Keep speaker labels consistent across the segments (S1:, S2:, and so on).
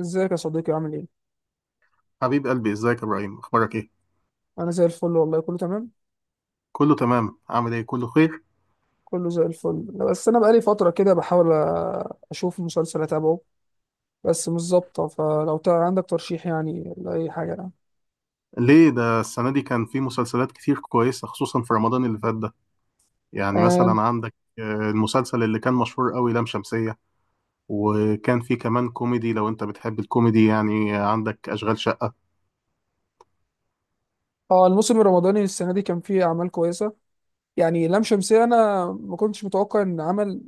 S1: ازيك يا صديقي عامل ايه؟
S2: حبيب قلبي، ازيك يا ابراهيم؟ اخبارك ايه؟
S1: انا زي الفل والله كله تمام.
S2: كله تمام، عامل ايه؟ كله خير.
S1: كله زي الفل. بس انا بقالي فترة كده بحاول اشوف مسلسل اتابعه. بس مش ظابطة، فلو عندك ترشيح يعني لأي حاجة يعني.
S2: ليه؟ ده السنه دي كان في مسلسلات كتير كويسه، خصوصا في رمضان اللي فات ده. يعني
S1: آم،
S2: مثلا عندك المسلسل اللي كان مشهور قوي لام شمسيه. وكان في كمان كوميدي، لو انت بتحب الكوميدي يعني عندك اشغال شقه.
S1: اه، الموسم الرمضاني السنة دي كان فيه اعمال كويسة. يعني لام شمسية انا ما كنتش متوقع ان عمل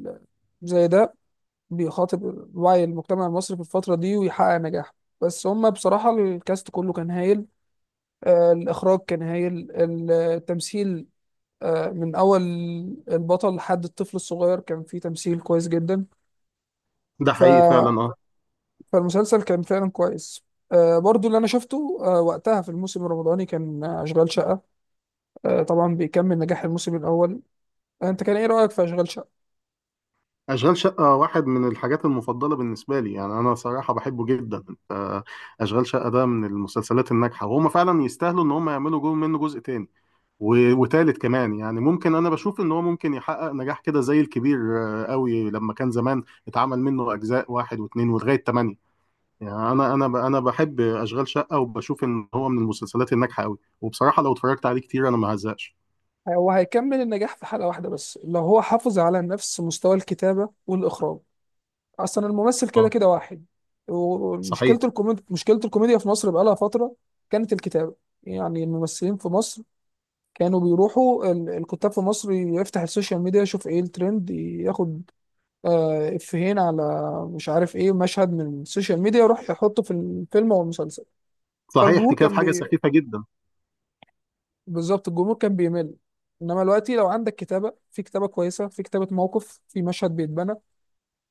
S1: زي ده بيخاطب وعي المجتمع المصري في الفترة دي ويحقق نجاح. بس هما بصراحة الكاست كله كان هايل. الإخراج كان هايل، التمثيل. من أول البطل لحد الطفل الصغير كان فيه تمثيل كويس جدا.
S2: ده حقيقي فعلا،
S1: ف...
S2: اه.
S1: فالمسلسل كان فعلا كويس. برضو اللي أنا شفته وقتها في الموسم الرمضاني كان أشغال شقة. طبعا بيكمل نجاح الموسم الأول. أنت كان إيه رأيك في أشغال شقة؟
S2: اشغال شقه واحد من الحاجات المفضله بالنسبه لي، يعني انا صراحه بحبه جدا. آه، اشغال شقه ده من المسلسلات الناجحه، وهم فعلا يستاهلوا ان هم يعملوا جو منه جزء تاني وتالت كمان. يعني ممكن انا بشوف ان هو ممكن يحقق نجاح كده زي الكبير قوي لما كان زمان اتعمل منه اجزاء واحد واثنين ولغايه ثمانية. يعني انا بحب اشغال شقه، وبشوف ان هو من المسلسلات الناجحه قوي، وبصراحه لو اتفرجت عليه كتير انا ما هزقش.
S1: هو هيكمل النجاح في حلقة واحدة بس لو هو حافظ على نفس مستوى الكتابة والإخراج. أصلا الممثل كده
S2: اه،
S1: كده واحد.
S2: صحيح.
S1: ومشكلة الكوميديا في مصر بقالها فترة. كانت الكتابة، يعني الممثلين في مصر كانوا بيروحوا، الكتاب في مصر يفتح السوشيال ميديا يشوف ايه الترند، ياخد افيهين على، مش عارف ايه، مشهد من السوشيال ميديا يروح يحطه في الفيلم او المسلسل.
S2: صحيح، دي
S1: فالجمهور
S2: كانت
S1: كان
S2: حاجه
S1: بي...
S2: سخيفه جدا.
S1: بالظبط الجمهور كان بيمل. انما دلوقتي لو عندك كتابة، في كتابة كويسة، في كتابة موقف، في مشهد بيتبنى،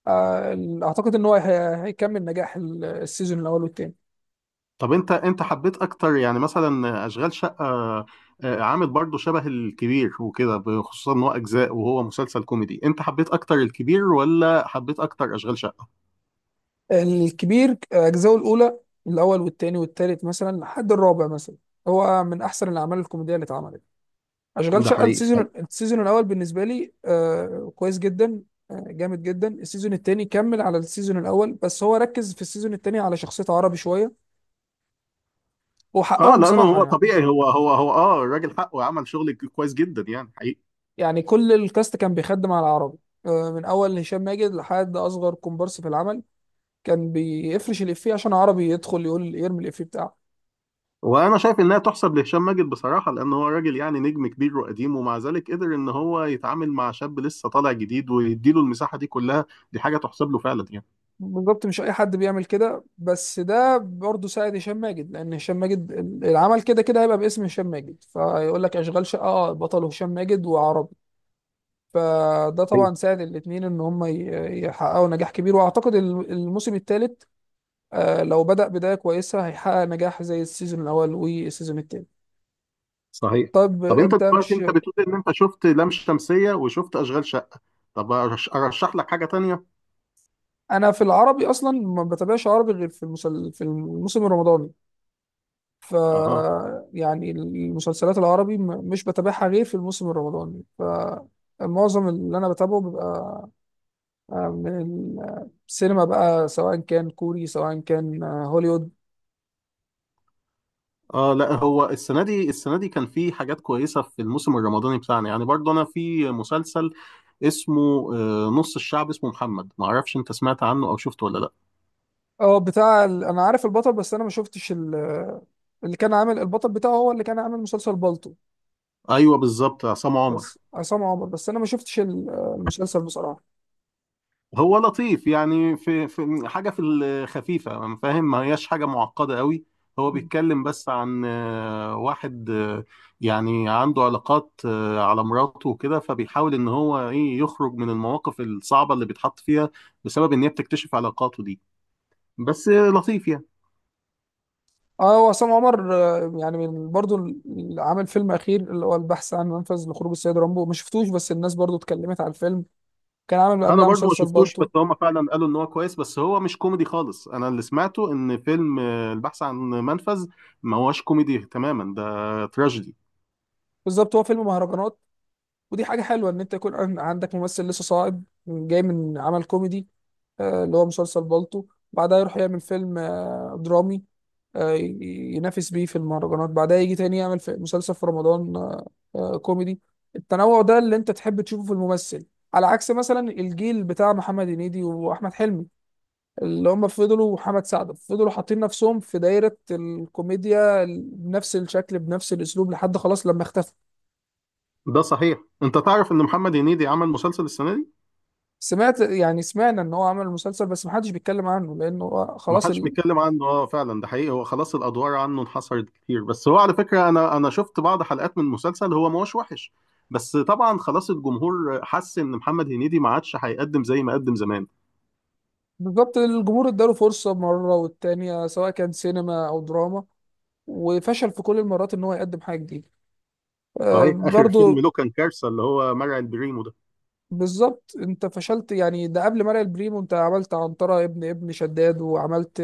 S1: اعتقد ان هو هيكمل نجاح السيزون الاول والتاني.
S2: طب انت حبيت اكتر يعني مثلا اشغال شقه عامل برضه شبه الكبير وكده، خصوصا ان هو اجزاء وهو مسلسل كوميدي، انت حبيت اكتر الكبير ولا حبيت اكتر اشغال شقه؟
S1: الكبير اجزاءه الاولى، الاول والتاني والتالت مثلا لحد الرابع مثلا، هو من احسن الاعمال الكوميدية اللي اتعملت. اشغال
S2: ده
S1: شقه
S2: حقيقي فعلا.
S1: السيزون الاول بالنسبه لي كويس جدا. جامد جدا. السيزون التاني كمل على السيزون الاول، بس هو ركز في السيزون التاني على شخصيه عربي شويه،
S2: اه،
S1: وحقهم
S2: لانه
S1: بصراحه
S2: هو
S1: يعني.
S2: طبيعي، هو اه الراجل حقه عمل شغل كويس جدا يعني حقيقي.
S1: يعني كل الكاست كان بيخدم على عربي. من اول هشام ماجد لحد اصغر كومبارس في العمل كان بيفرش الافيه عشان عربي يدخل يقول، يرمي الافيه بتاعه.
S2: وانا شايف انها تحسب لهشام ماجد بصراحه، لان هو راجل يعني نجم كبير وقديم، ومع ذلك قدر ان هو يتعامل مع شاب لسه طالع جديد ويديله المساحه دي كلها. دي حاجه تحسب له فعلا يعني.
S1: بالظبط، مش اي حد بيعمل كده. بس ده برضه ساعد هشام ماجد، لان هشام ماجد العمل كده كده هيبقى باسم هشام ماجد، فيقول لك اشغال شقه، اه، بطل هشام ماجد وعربي. فده
S2: صحيح.
S1: طبعا ساعد الاثنين ان هم يحققوا نجاح كبير. واعتقد الموسم الثالث لو بدأ بدايه كويسه هيحقق نجاح زي السيزون الاول والسيزون الثاني.
S2: صحيح.
S1: طب
S2: طب انت
S1: انت
S2: دلوقتي
S1: مش.
S2: انت بتقول ان انت شفت لام شمسيه وشفت اشغال شقه. طب ارشح لك حاجه تانية.
S1: انا في العربي اصلا ما بتابعش عربي غير في في الموسم الرمضاني. ف
S2: اها.
S1: يعني المسلسلات العربي مش بتابعها غير في الموسم الرمضاني، فمعظم اللي انا بتابعه بيبقى من السينما بقى، سواء كان كوري سواء كان هوليوود.
S2: اه، لا، هو السنه دي، السنه دي كان في حاجات كويسه في الموسم الرمضاني بتاعنا، يعني برضه انا في مسلسل اسمه نص الشعب، اسمه محمد، ما اعرفش انت سمعت عنه او شفته ولا لا.
S1: اه، انا عارف البطل، بس انا ما شفتش اللي كان عامل البطل بتاعه هو اللي كان عامل مسلسل بالطو.
S2: ايوه بالظبط، عصام عمر.
S1: بس عصام عمر، بس انا ما شفتش المسلسل بصراحة.
S2: هو لطيف يعني، في حاجه في الخفيفه، فاهم؟ ما هياش حاجه معقده قوي. هو بيتكلم بس عن واحد يعني عنده علاقات على مراته وكده، فبيحاول ان هو ايه يخرج من المواقف الصعبه اللي بيتحط فيها بسبب ان هي بتكتشف علاقاته دي. بس لطيف يعني.
S1: اه، وعصام عمر يعني من برضو عامل فيلم اخير اللي هو البحث عن منفذ لخروج السيد رامبو، ما شفتوش، بس الناس برضو اتكلمت على الفيلم. كان عامل
S2: انا
S1: قبلها
S2: برضو ما
S1: مسلسل
S2: شفتوش،
S1: بالطو.
S2: بس هما فعلا قالوا ان هو كويس، بس هو مش كوميدي خالص. انا اللي سمعته ان فيلم البحث عن منفذ ما هوش كوميدي تماما، ده تراجيدي.
S1: بالظبط، هو فيلم مهرجانات. ودي حاجة حلوة ان انت يكون عندك ممثل لسه صاعد جاي من عمل كوميدي، اللي هو مسلسل بالطو، بعدها يروح يعمل فيلم درامي، ينافس بيه في المهرجانات، بعدها يجي تاني يعمل في مسلسل في رمضان كوميدي. التنوع ده اللي انت تحب تشوفه في الممثل، على عكس مثلا الجيل بتاع محمد هنيدي واحمد حلمي، اللي هم فضلوا، وحمد سعد فضلوا حاطين نفسهم في دايرة الكوميديا بنفس الشكل بنفس الاسلوب لحد خلاص لما اختفى.
S2: ده صحيح. انت تعرف ان محمد هنيدي عمل مسلسل السنه دي؟
S1: سمعت، يعني سمعنا ان هو عمل مسلسل، بس محدش بيتكلم عنه لانه هو
S2: ما
S1: خلاص
S2: حدش بيتكلم عنه، اه فعلا ده حقيقي. هو خلاص الادوار عنه انحصرت كتير، بس هو على فكره، انا شفت بعض حلقات من المسلسل، هو ما هوش وحش. بس طبعا خلاص الجمهور حس ان محمد هنيدي ما عادش هيقدم زي ما قدم زمان.
S1: بالظبط، الجمهور اداله فرصة مرة والتانية، سواء كان سينما او دراما، وفشل في كل المرات ان هو يقدم حاجه جديده.
S2: صحيح. اخر فيلم
S1: برضو،
S2: له كان كارثه، اللي هو مرعي البريمو ده.
S1: بالظبط. انت فشلت، يعني ده قبل مرق البريمو انت عملت عنترة ابن شداد، وعملت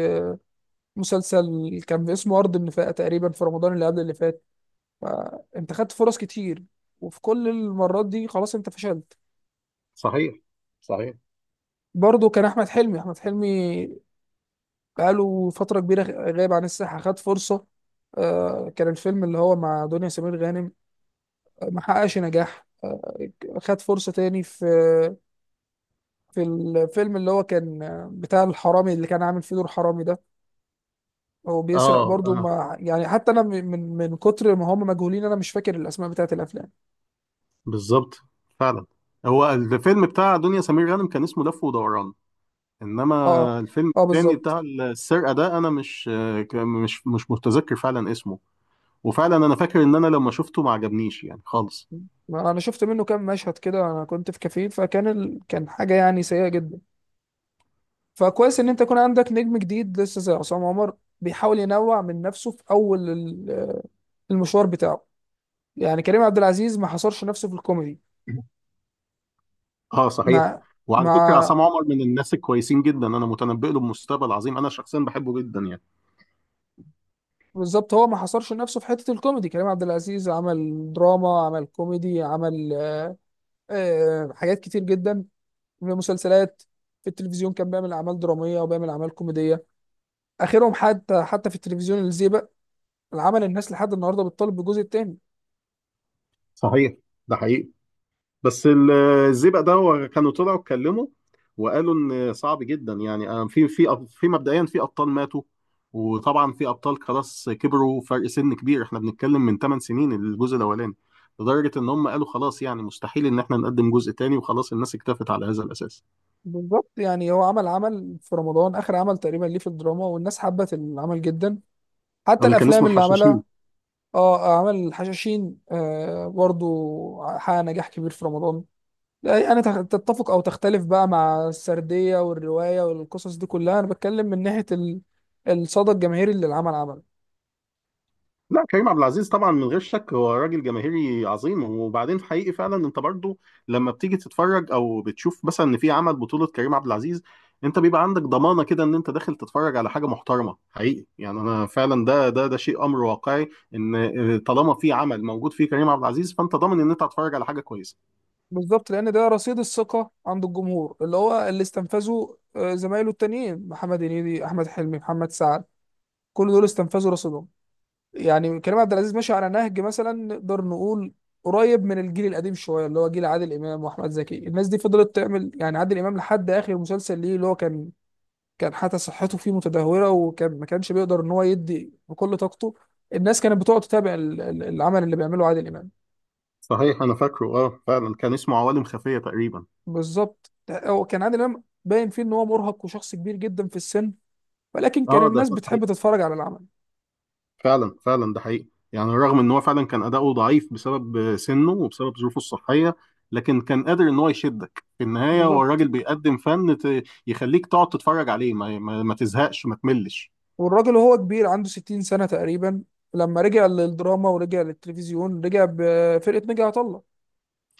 S1: مسلسل كان اسمه ارض النفاق تقريبا في رمضان اللي قبل اللي فات. انت خدت فرص كتير، وفي كل المرات دي خلاص انت فشلت.
S2: صحيح. صحيح.
S1: برضو كان احمد حلمي بقاله فتره كبيره غايب عن الساحه. خد فرصه، كان الفيلم اللي هو مع دنيا سمير غانم، ما حققش نجاح. آه، خد فرصة تاني في في الفيلم اللي هو كان بتاع الحرامي، اللي كان عامل فيه دور حرامي ده، هو بيسرق
S2: اه،
S1: برضه
S2: اه،
S1: مع، يعني حتى انا من كتر ما هم مجهولين انا مش فاكر الاسماء بتاعت الافلام.
S2: بالظبط. فعلا. هو الفيلم بتاع دنيا سمير غانم كان اسمه لف ودوران. انما
S1: اه،
S2: الفيلم
S1: اه،
S2: التاني
S1: بالظبط.
S2: بتاع السرقه ده، انا مش متذكر فعلا اسمه. وفعلا انا فاكر ان انا لما شفته ما عجبنيش يعني.
S1: ما انا شفت منه كام مشهد كده، انا كنت في كافيه، فكان كان حاجه يعني سيئه جدا. فكويس ان انت يكون عندك نجم جديد لسه زي عصام عمر، بيحاول ينوع من نفسه في اول المشوار بتاعه. يعني كريم عبد العزيز ما حصرش نفسه في الكوميدي.
S2: خالص. اه، صحيح.
S1: ما ما
S2: وعلى فكره عصام عمر من الناس الكويسين جدا، انا متنبئ له بمستقبل عظيم، انا شخصيا بحبه جدا يعني.
S1: بالظبط، هو ما حصرش نفسه في حتة الكوميدي. كريم عبد العزيز عمل دراما، عمل كوميدي، عمل حاجات كتير جدا، في مسلسلات، في التلفزيون كان بيعمل أعمال درامية وبيعمل أعمال كوميدية. آخرهم حتى في التلفزيون الزيبق، العمل الناس لحد النهاردة بتطالب بالجزء التاني.
S2: صحيح. ده حقيقي. بس الزئبق ده هو كانوا طلعوا اتكلموا وقالوا ان صعب جدا يعني، في مبدئيا في ابطال ماتوا، وطبعا في ابطال خلاص كبروا، فرق سن كبير، احنا بنتكلم من 8 سنين الجزء الاولاني. لدرجه ان هم قالوا خلاص يعني مستحيل ان احنا نقدم جزء تاني، وخلاص الناس اكتفت على هذا الاساس.
S1: بالظبط، يعني هو عمل في رمضان آخر عمل تقريبا ليه في الدراما، والناس حبت العمل جدا، حتى
S2: اللي كان
S1: الأفلام
S2: اسمه
S1: اللي
S2: الحشاشين.
S1: عملها. اه، عمل الحشاشين، برضو حقق نجاح كبير في رمضان. لا انا تتفق او تختلف بقى مع السرديه والروايه والقصص دي كلها، انا بتكلم من ناحيه الصدى الجماهيري اللي العمل عمله.
S2: لا، كريم عبد العزيز طبعا من غير شك هو راجل جماهيري عظيم. وبعدين في حقيقي فعلا، انت برضو لما بتيجي تتفرج او بتشوف مثلا ان في عمل بطولة كريم عبد العزيز، انت بيبقى عندك ضمانة كده ان انت داخل تتفرج على حاجة محترمة حقيقي يعني. انا فعلا ده شيء امر واقعي، ان طالما في عمل موجود فيه كريم عبد العزيز فانت ضامن ان انت هتتفرج على حاجة كويسة.
S1: بالظبط، لان ده رصيد الثقه عند الجمهور اللي هو اللي استنفذه زمايله التانيين محمد هنيدي، احمد حلمي، محمد سعد، كل دول استنفذوا رصيدهم. يعني كريم عبد العزيز ماشي على نهج، مثلا نقدر نقول قريب من الجيل القديم شويه، اللي هو جيل عادل امام واحمد زكي، الناس دي فضلت تعمل. يعني عادل امام لحد اخر مسلسل ليه اللي هو كان، كان حتى صحته فيه متدهوره، وكان ما كانش بيقدر ان هو يدي بكل طاقته، الناس كانت بتقعد تتابع العمل اللي بيعمله عادل امام.
S2: صحيح، انا فاكره، اه فعلا كان اسمه عوالم خفية تقريبا.
S1: بالظبط، هو كان عادل امام باين فيه ان هو مرهق وشخص كبير جدا في السن، ولكن كان
S2: اه ده
S1: الناس
S2: كان،
S1: بتحب تتفرج على العمل.
S2: فعلا فعلا ده حقيقي. يعني رغم ان هو فعلا كان اداؤه ضعيف بسبب سنه وبسبب ظروفه الصحيه، لكن كان قادر ان هو يشدك في النهايه، هو
S1: بالظبط،
S2: الراجل بيقدم فن يخليك تقعد تتفرج عليه ما تزهقش ما تملش.
S1: والراجل وهو كبير عنده 60 سنه تقريبا، لما رجع للدراما ورجع للتلفزيون رجع بفرقه نجا عطا الله.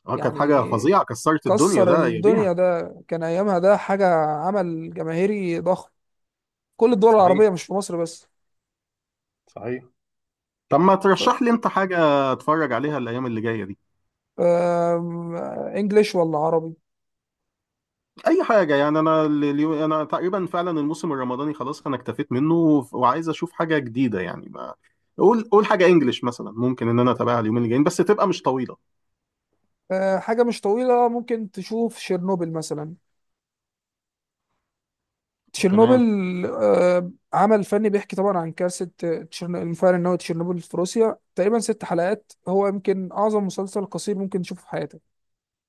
S2: اه كانت حاجه
S1: يعني
S2: فظيعه كسرت الدنيا
S1: كسر
S2: ده اياميها.
S1: الدنيا ده كان ايامها، ده حاجه، عمل جماهيري ضخم، كل الدول
S2: صحيح.
S1: العربيه، مش في مصر بس.
S2: صحيح. طب ما
S1: ف
S2: ترشح لي انت حاجه اتفرج عليها الايام اللي جايه دي.
S1: انجليش ولا عربي؟
S2: اي حاجه يعني، انا انا تقريبا فعلا الموسم الرمضاني خلاص انا اكتفيت منه، وعايز اشوف حاجه جديده يعني. قول قول حاجه انجليش مثلا ممكن ان انا اتابعها اليومين الجايين، بس تبقى مش طويله.
S1: حاجة مش طويلة، ممكن تشوف شيرنوبل مثلا، تشيرنوبل.
S2: تمام.
S1: عمل فني بيحكي طبعا عن كارثة المفاعل النووي تشيرنوبل في روسيا. تقريبا 6 حلقات. هو يمكن أعظم مسلسل قصير ممكن تشوفه في حياتك.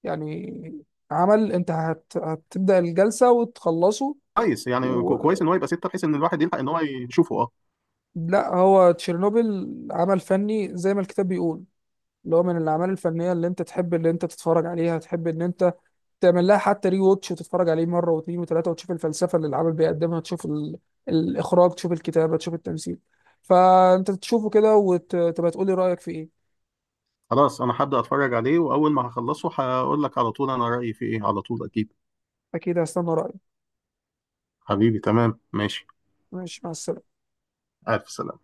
S1: يعني عمل أنت هتبدأ الجلسة وتخلصه.
S2: كويس يعني،
S1: و...
S2: كويس ان هو يبقى سته بحيث ان الواحد يلحق ان هو يشوفه، اه.
S1: لا، هو تشيرنوبل عمل فني زي ما الكتاب بيقول، اللي هو من الأعمال الفنية اللي أنت تحب، اللي أنت تتفرج عليها تحب إن أنت تعمل لها حتى ري ووتش، وتتفرج عليه مره واثنين وثلاثه، وتشوف الفلسفه اللي العمل بيقدمها، تشوف الاخراج، تشوف الكتابه، تشوف التمثيل. فانت تشوفه كده وتبقى تقول لي رايك في ايه.
S2: خلاص انا هبدا اتفرج عليه، واول ما هخلصه هقول لك على طول انا رايي فيه ايه على طول اكيد.
S1: اكيد هستنى رايك.
S2: حبيبي تمام ماشي.
S1: ماشي، مع السلامه.
S2: الف سلامه.